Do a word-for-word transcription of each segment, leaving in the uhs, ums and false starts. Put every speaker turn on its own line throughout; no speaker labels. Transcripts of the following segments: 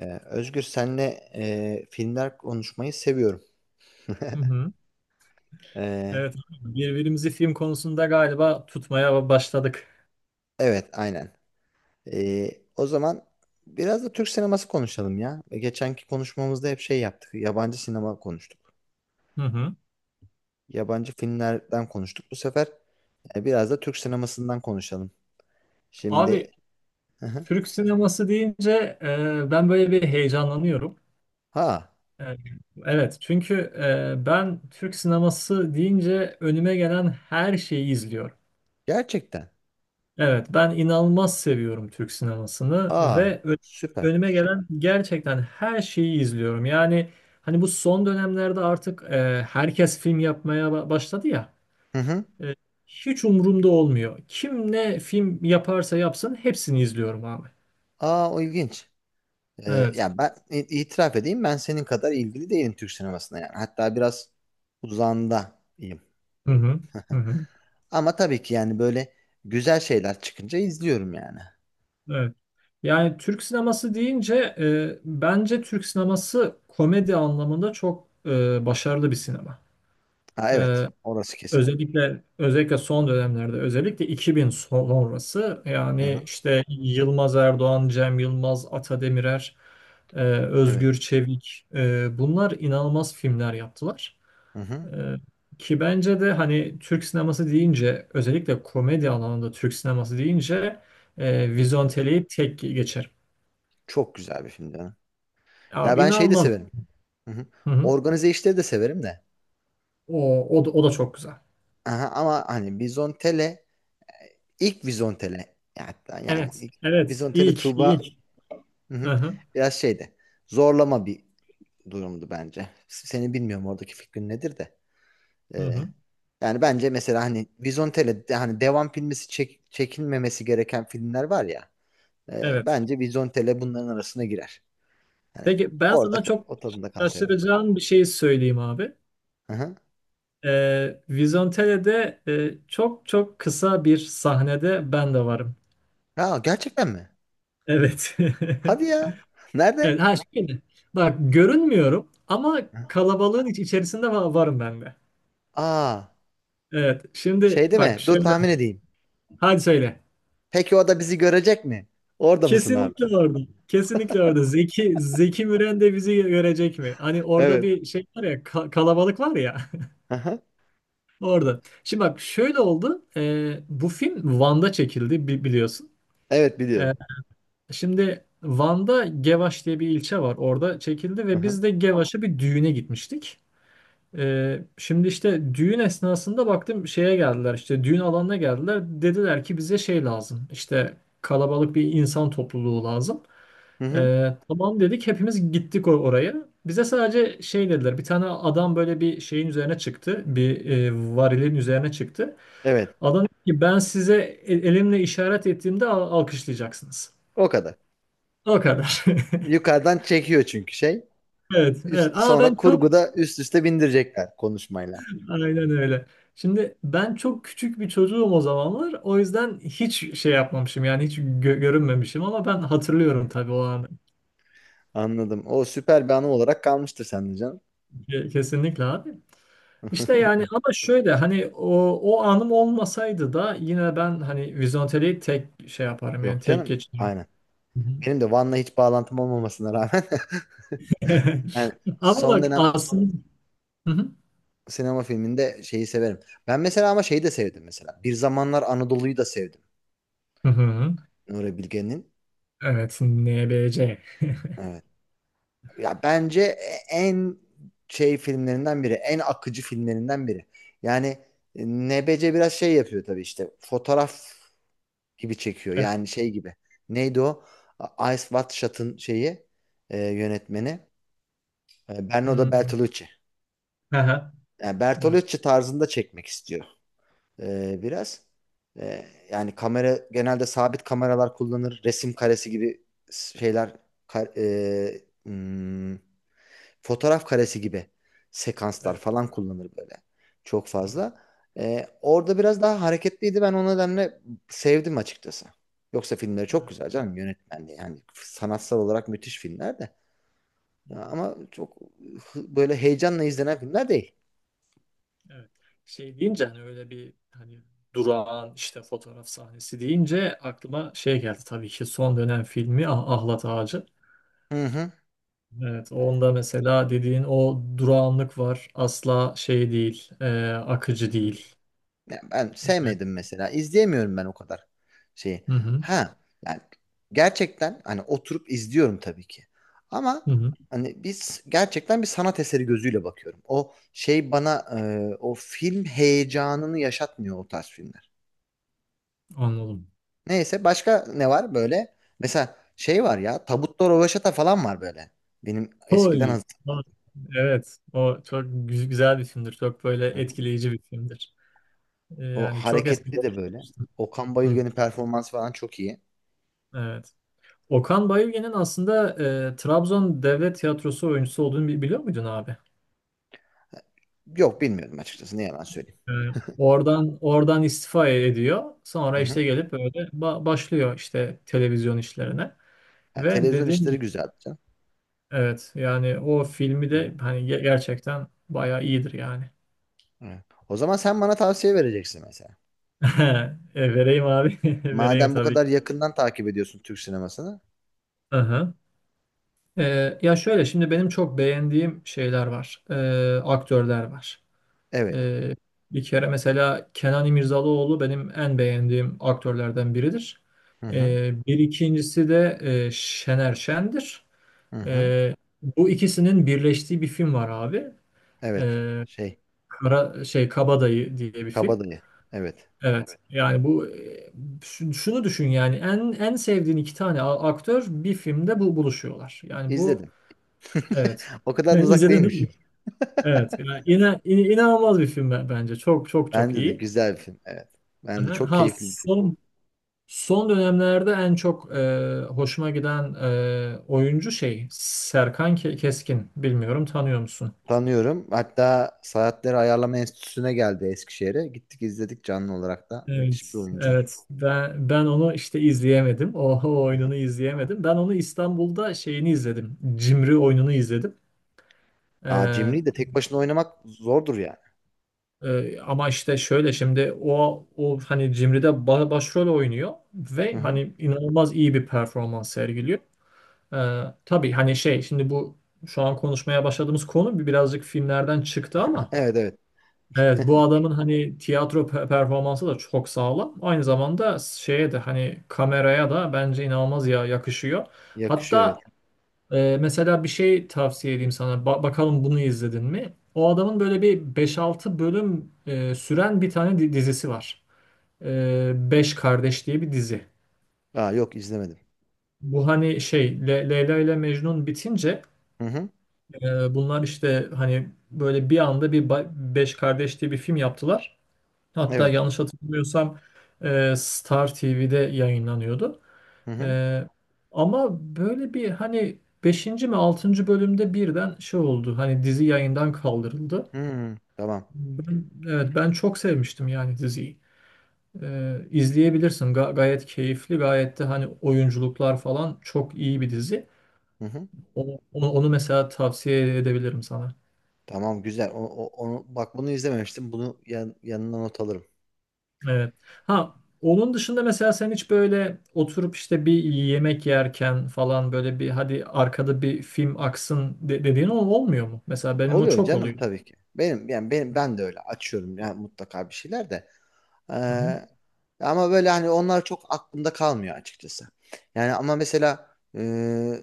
Ee, Özgür senle e, filmler konuşmayı seviyorum.
Hı hı.
Ee,
Evet, birbirimizi film konusunda galiba tutmaya başladık.
evet, aynen. Ee, O zaman biraz da Türk sineması konuşalım ya. E, Geçenki konuşmamızda hep şey yaptık. Yabancı sinema konuştuk.
Hı hı.
Yabancı filmlerden konuştuk. Bu sefer e, biraz da Türk sinemasından konuşalım.
Abi
Şimdi. Hı hı.
Türk sineması deyince e, ben böyle bir heyecanlanıyorum.
Ha,
E, evet, çünkü e, ben Türk sineması deyince önüme gelen her şeyi izliyorum.
gerçekten.
Evet, ben inanılmaz seviyorum Türk sinemasını
Aa,
ve ö-
süper.
önüme gelen gerçekten her şeyi izliyorum. Yani hani bu son dönemlerde artık e, herkes film yapmaya ba- başladı ya.
Hı hı.
E, hiç umurumda olmuyor. Kim ne film yaparsa yapsın hepsini izliyorum abi.
Aa, o ilginç. Ee,
Evet.
ya ben i- itiraf edeyim, ben senin kadar ilgili değilim Türk sinemasına yani. Hatta biraz uzağındayım.
Hı hı. Hı hı.
Ama tabii ki yani böyle güzel şeyler çıkınca izliyorum yani.
Evet. Yani Türk sineması deyince e, bence Türk sineması komedi anlamında çok e, başarılı bir sinema.
Ha,
E,
evet, orası kesin.
özellikle özellikle son dönemlerde özellikle iki bin sonrası
Hı
yani
hı.
işte Yılmaz Erdoğan, Cem Yılmaz, Ata Demirer, e,
Evet.
Özgür Çevik e, bunlar inanılmaz filmler yaptılar.
Hı hı.
Ee, Ki bence de hani Türk sineması deyince özellikle komedi alanında Türk sineması deyince e,
Hı hı.
Vizontele'yi tek geçerim.
Çok güzel bir film canım. Ya
Abi
ben şeyi de
inanılmaz.
severim. Hı hı.
Hı hı.
Organize işleri de severim de.
O, o, da, o da çok güzel.
Aha, ama hani Vizontele ilk Vizontele ya, hatta yani
Evet.
ilk
Evet.
Vizontele
İlk.
Tuğba,
İlk.
hı
Hı
hı,
hı.
biraz şeydi. Zorlama bir durumdu bence. Seni bilmiyorum, oradaki fikrin nedir de.
Hı
Ee,
hı.
Yani bence mesela hani Vizontele de- hani devam filmisi çek- çekilmemesi gereken filmler var ya. E,
Evet.
bence Vizontele bunların arasına girer. Yani
Peki ben
orada
sana çok
o tadında kalsaydı.
şaşıracağın bir şey söyleyeyim abi.
Hı hı.
Ee, Vizontele'de e, çok çok kısa bir sahnede ben de varım.
Ha, gerçekten mi?
Evet.
Hadi ya.
Evet,
Nerede?
ha şöyle. Bak görünmüyorum ama
Hı.
kalabalığın iç- içerisinde va- varım ben de.
Aa,
Evet.
şey
Şimdi
değil
bak
mi? Dur
şöyle.
tahmin edeyim.
Hadi söyle.
Peki o da bizi görecek mi? Orada mısın abi?
Kesinlikle orada. Kesinlikle orada. Zeki Zeki Müren de bizi görecek mi? Hani orada
Evet.
bir şey var ya ka- kalabalık var ya
Hı hı.
orada. Şimdi bak şöyle oldu. Ee, bu film Van'da çekildi bi- biliyorsun.
Evet, biliyorum.
Ee, şimdi Van'da Gevaş diye bir ilçe var. Orada çekildi
Hı
ve
hı.
biz de Gevaş'a bir düğüne gitmiştik. Ee, şimdi işte düğün esnasında baktım şeye geldiler işte düğün alanına geldiler dediler ki bize şey lazım işte kalabalık bir insan topluluğu lazım.
Hı hı.
Ee, tamam dedik hepimiz gittik or- oraya. Bize sadece şey dediler bir tane adam böyle bir şeyin üzerine çıktı bir e, varilin üzerine çıktı.
Evet.
Adam dedi ki ben size el- elimle işaret ettiğimde al- alkışlayacaksınız.
O kadar.
O kadar.
Yukarıdan çekiyor çünkü şey.
Evet, evet.
Üst,
Aa, ben
sonra
çok.
kurguda üst üste bindirecekler konuşmayla.
Aynen öyle. Şimdi ben çok küçük bir çocuğum o zamanlar. O yüzden hiç şey yapmamışım yani hiç gö- görünmemişim ama ben hatırlıyorum tabii o anı.
Anladım. O süper bir anı olarak kalmıştır sende canım.
Ke- Kesinlikle abi. İşte yani ama şöyle hani o, o anım olmasaydı da yine ben hani vizonteliği tek şey yaparım yani
Yok
tek
canım.
geçerim.
Aynen.
Hı hı.
Benim de Van'la hiç bağlantım olmamasına rağmen yani
Ama
son
bak
dönem
aslında. Hı hı.
sinema filminde şeyi severim. Ben mesela, ama şeyi de sevdim mesela. Bir Zamanlar Anadolu'yu da sevdim.
Hı hı.
Nuri Bilge'nin.
Evet, N B C.
Evet. Ya bence en şey filmlerinden biri, en akıcı filmlerinden biri. Yani Nebece biraz şey yapıyor tabii işte. Fotoğraf gibi çekiyor.
Evet.
Yani şey gibi. Neydi o? A- Ice Watch Shot'ın şeyi e, yönetmeni. E, Bernardo
Hmm.
Bertolucci.
Aha.
Yani
Evet.
Bertolucci tarzında çekmek istiyor e, biraz. E, Yani kamera genelde sabit kameralar kullanır. Resim karesi gibi şeyler ka- e, hmm, fotoğraf karesi gibi sekanslar
Evet.
falan kullanır böyle. Çok
Hı hı.
fazla. E, orada biraz daha hareketliydi. Ben o nedenle sevdim açıkçası. Yoksa filmleri çok
Evet.
güzel canım, yönetmenliği. Yani sanatsal olarak müthiş filmler de.
Hı hı.
Ama çok hı- böyle heyecanla izlenen filmler değil.
Evet. Şey deyince hani öyle bir hani durağan işte fotoğraf sahnesi deyince aklıma şey geldi tabii ki son dönem filmi Ah- Ahlat Ağacı.
Hı
Evet, onda mesela dediğin o durağanlık var. Asla şey değil, e, akıcı
hı.
değil.
Ya ben sevmedim mesela. İzleyemiyorum ben o kadar şeyi.
Hı hı,
Ha, yani gerçekten hani oturup izliyorum tabii ki. Ama
hı hı,
hani biz gerçekten bir sanat eseri gözüyle bakıyorum. O şey bana e, o film heyecanını yaşatmıyor, o tarz filmler.
anladım.
Neyse, başka ne var böyle? Mesela şey var ya, Tabutta Röveşata falan var böyle. Benim eskiden
Oy.
hatırladım.
Evet, o çok gü- güzel bir filmdir. Çok böyle
Hı hı.
etkileyici bir filmdir. E,
O
Yani çok eski.
hareketli de böyle. Okan
Hı,
Bayülgen'in performansı falan çok iyi.
evet. Okan Bayülgen'in aslında e, Trabzon Devlet Tiyatrosu oyuncusu olduğunu bi- biliyor muydun abi?
Yok, bilmiyorum açıkçası, ne yalan söyleyeyim.
E, oradan oradan istifa e-, ediyor.
Hı
Sonra işte
hı.
gelip böyle ba- başlıyor işte televizyon işlerine.
Ha,
Ve
televizyon
dediğim gibi
işleri güzel canım.
evet yani o filmi
Hı hı.
de hani ge- gerçekten bayağı iyidir yani.
Evet. O zaman sen bana tavsiye vereceksin mesela.
E, vereyim abi. Vereyim
Madem bu
tabii
kadar
ki.
yakından takip ediyorsun Türk sinemasını.
Aha. E, ya şöyle şimdi benim çok beğendiğim şeyler var. E, aktörler var.
Evet.
Ee, bir kere mesela Kenan İmirzalıoğlu benim en beğendiğim aktörlerden biridir.
Hı hı.
Ee, bir ikincisi de e, Şener Şen'dir.
Hı hı.
Ee, bu ikisinin birleştiği bir film var abi.
Evet.
Ee,
Şey,
Kara, şey Kabadayı diye bir film.
Kabadayı. Evet.
Evet. Yani bu e, şu- şunu düşün yani en en sevdiğin iki tane a- aktör bir filmde bu buluşuyorlar. Yani bu
İzledim.
evet.
O kadar da
Ben
uzak
İzledin değil mi?
değilmişim.
Evet. Yani ina- in- inanılmaz bir film be- bence. Çok çok çok
Bence de
iyi.
güzel bir film. Evet. Ben de
Aha.
çok
Ha
keyifli bir film.
son son dönemlerde en çok e, hoşuma giden e, oyuncu şey Serkan Ke- Keskin. Bilmiyorum tanıyor musun?
Tanıyorum. Hatta Saatleri Ayarlama Enstitüsü'ne geldi Eskişehir'e. Gittik izledik canlı olarak da. Müthiş bir
Evet,
oyuncu.
evet. Ben ben onu işte izleyemedim. O, o
Hı hı.
oyununu izleyemedim. Ben onu İstanbul'da şeyini izledim. Cimri oyununu izledim.
Aa,
Ee,
Cimri'yi de tek başına oynamak zordur yani.
e, ama işte şöyle şimdi o o hani Cimri'de ba- başrol oynuyor
Hı
ve
hı.
hani inanılmaz iyi bir performans sergiliyor. Ee, tabii hani şey şimdi bu şu an konuşmaya başladığımız konu bir birazcık filmlerden çıktı ama
Evet, evet.
evet bu adamın hani tiyatro pe- performansı da çok sağlam. Aynı zamanda şeye de hani kameraya da bence inanılmaz ya yakışıyor.
Yakışıyor,
Hatta
evet.
e, mesela bir şey tavsiye edeyim sana. Ba- bakalım bunu izledin mi? O adamın böyle bir beş altı bölüm e, süren bir tane di- dizisi var. E, Beş Kardeş diye bir dizi.
Aa, yok izlemedim.
Bu hani şey Le- Leyla ile Mecnun bitince
Hı hı.
Ee, bunlar işte hani böyle bir anda bir ba- Beş Kardeş diye bir film yaptılar. Hatta
Evet.
yanlış hatırlamıyorsam e, Star T V'de yayınlanıyordu.
Hı hı.
E, ama böyle bir hani beşinci mi altıncı bölümde birden şey oldu. Hani dizi yayından kaldırıldı.
Hı. Tamam.
Ben, evet ben çok sevmiştim yani diziyi. E, izleyebilirsin. Ga- gayet keyifli, gayet de hani oyunculuklar falan çok iyi bir dizi.
Hı hı.
Onu, onu onu mesela tavsiye edebilirim sana.
Tamam, güzel. O, o- onu bak, bunu izlememiştim. Bunu yan, yanına not alırım.
Evet. Ha onun dışında mesela sen hiç böyle oturup işte bir yemek yerken falan böyle bir hadi arkada bir film aksın de- dediğin ol- olmuyor mu? Mesela benim o
Oluyor
çok
canım
oluyor.
tabii ki. Benim yani benim ben de öyle açıyorum yani, mutlaka bir şeyler de.
Hı hı.
Ee, Ama böyle hani onlar çok aklımda kalmıyor açıkçası. Yani ama mesela e,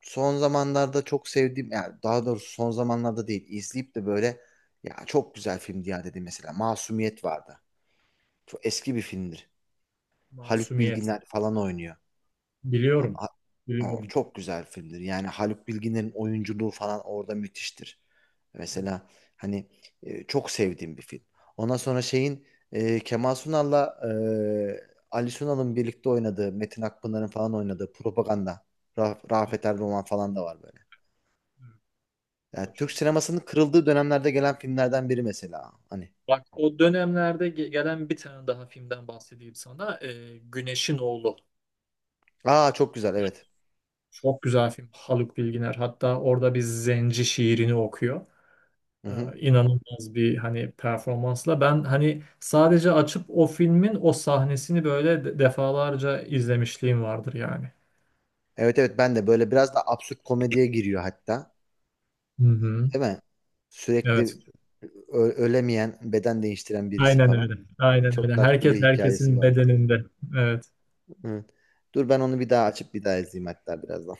son zamanlarda çok sevdiğim, yani daha doğrusu son zamanlarda değil, izleyip de böyle ya çok güzel film diye dedi mesela, Masumiyet vardı. Çok eski bir filmdir. Haluk
Masumiyet.
Bilginer falan oynuyor. Ha-
Biliyorum.
ha- O
Biliyorum.
çok güzel filmdir. Yani Haluk Bilginer'in oyunculuğu falan orada müthiştir. Mesela hani e, çok sevdiğim bir film. Ondan sonra şeyin e, Kemal Sunal'la e, Ali Sunal'ın birlikte oynadığı, Metin Akpınar'ın falan oynadığı Propaganda, Ra-
Evet,
Rafet Erdoğan falan da var böyle.
evet. O
Yani
da
Türk
çok.
sinemasının kırıldığı dönemlerde gelen filmlerden biri mesela. Hani.
Bak o dönemlerde ge- gelen bir tane daha filmden bahsedeyim sana. Ee, Güneşin Oğlu.
Aa, çok güzel, evet.
Çok güzel film. Haluk Bilginer. Hatta orada bir zenci şiirini okuyor.
Hı
Ee,
hı.
inanılmaz bir hani performansla ben hani sadece açıp o filmin o sahnesini böyle de- defalarca izlemişliğim vardır yani.
Evet, evet, ben de böyle biraz da absürt komediye giriyor hatta.
Hı hı.
Değil mi?
Evet.
Sürekli ö- ölemeyen, beden değiştiren birisi
Aynen
falan.
öyle. Aynen
Çok
öyle.
tatlı bir
Herkes
hikayesi
herkesin
vardı.
bedeninde. Evet.
Evet. Dur, ben onu bir daha açıp bir daha izleyeyim hatta birazdan.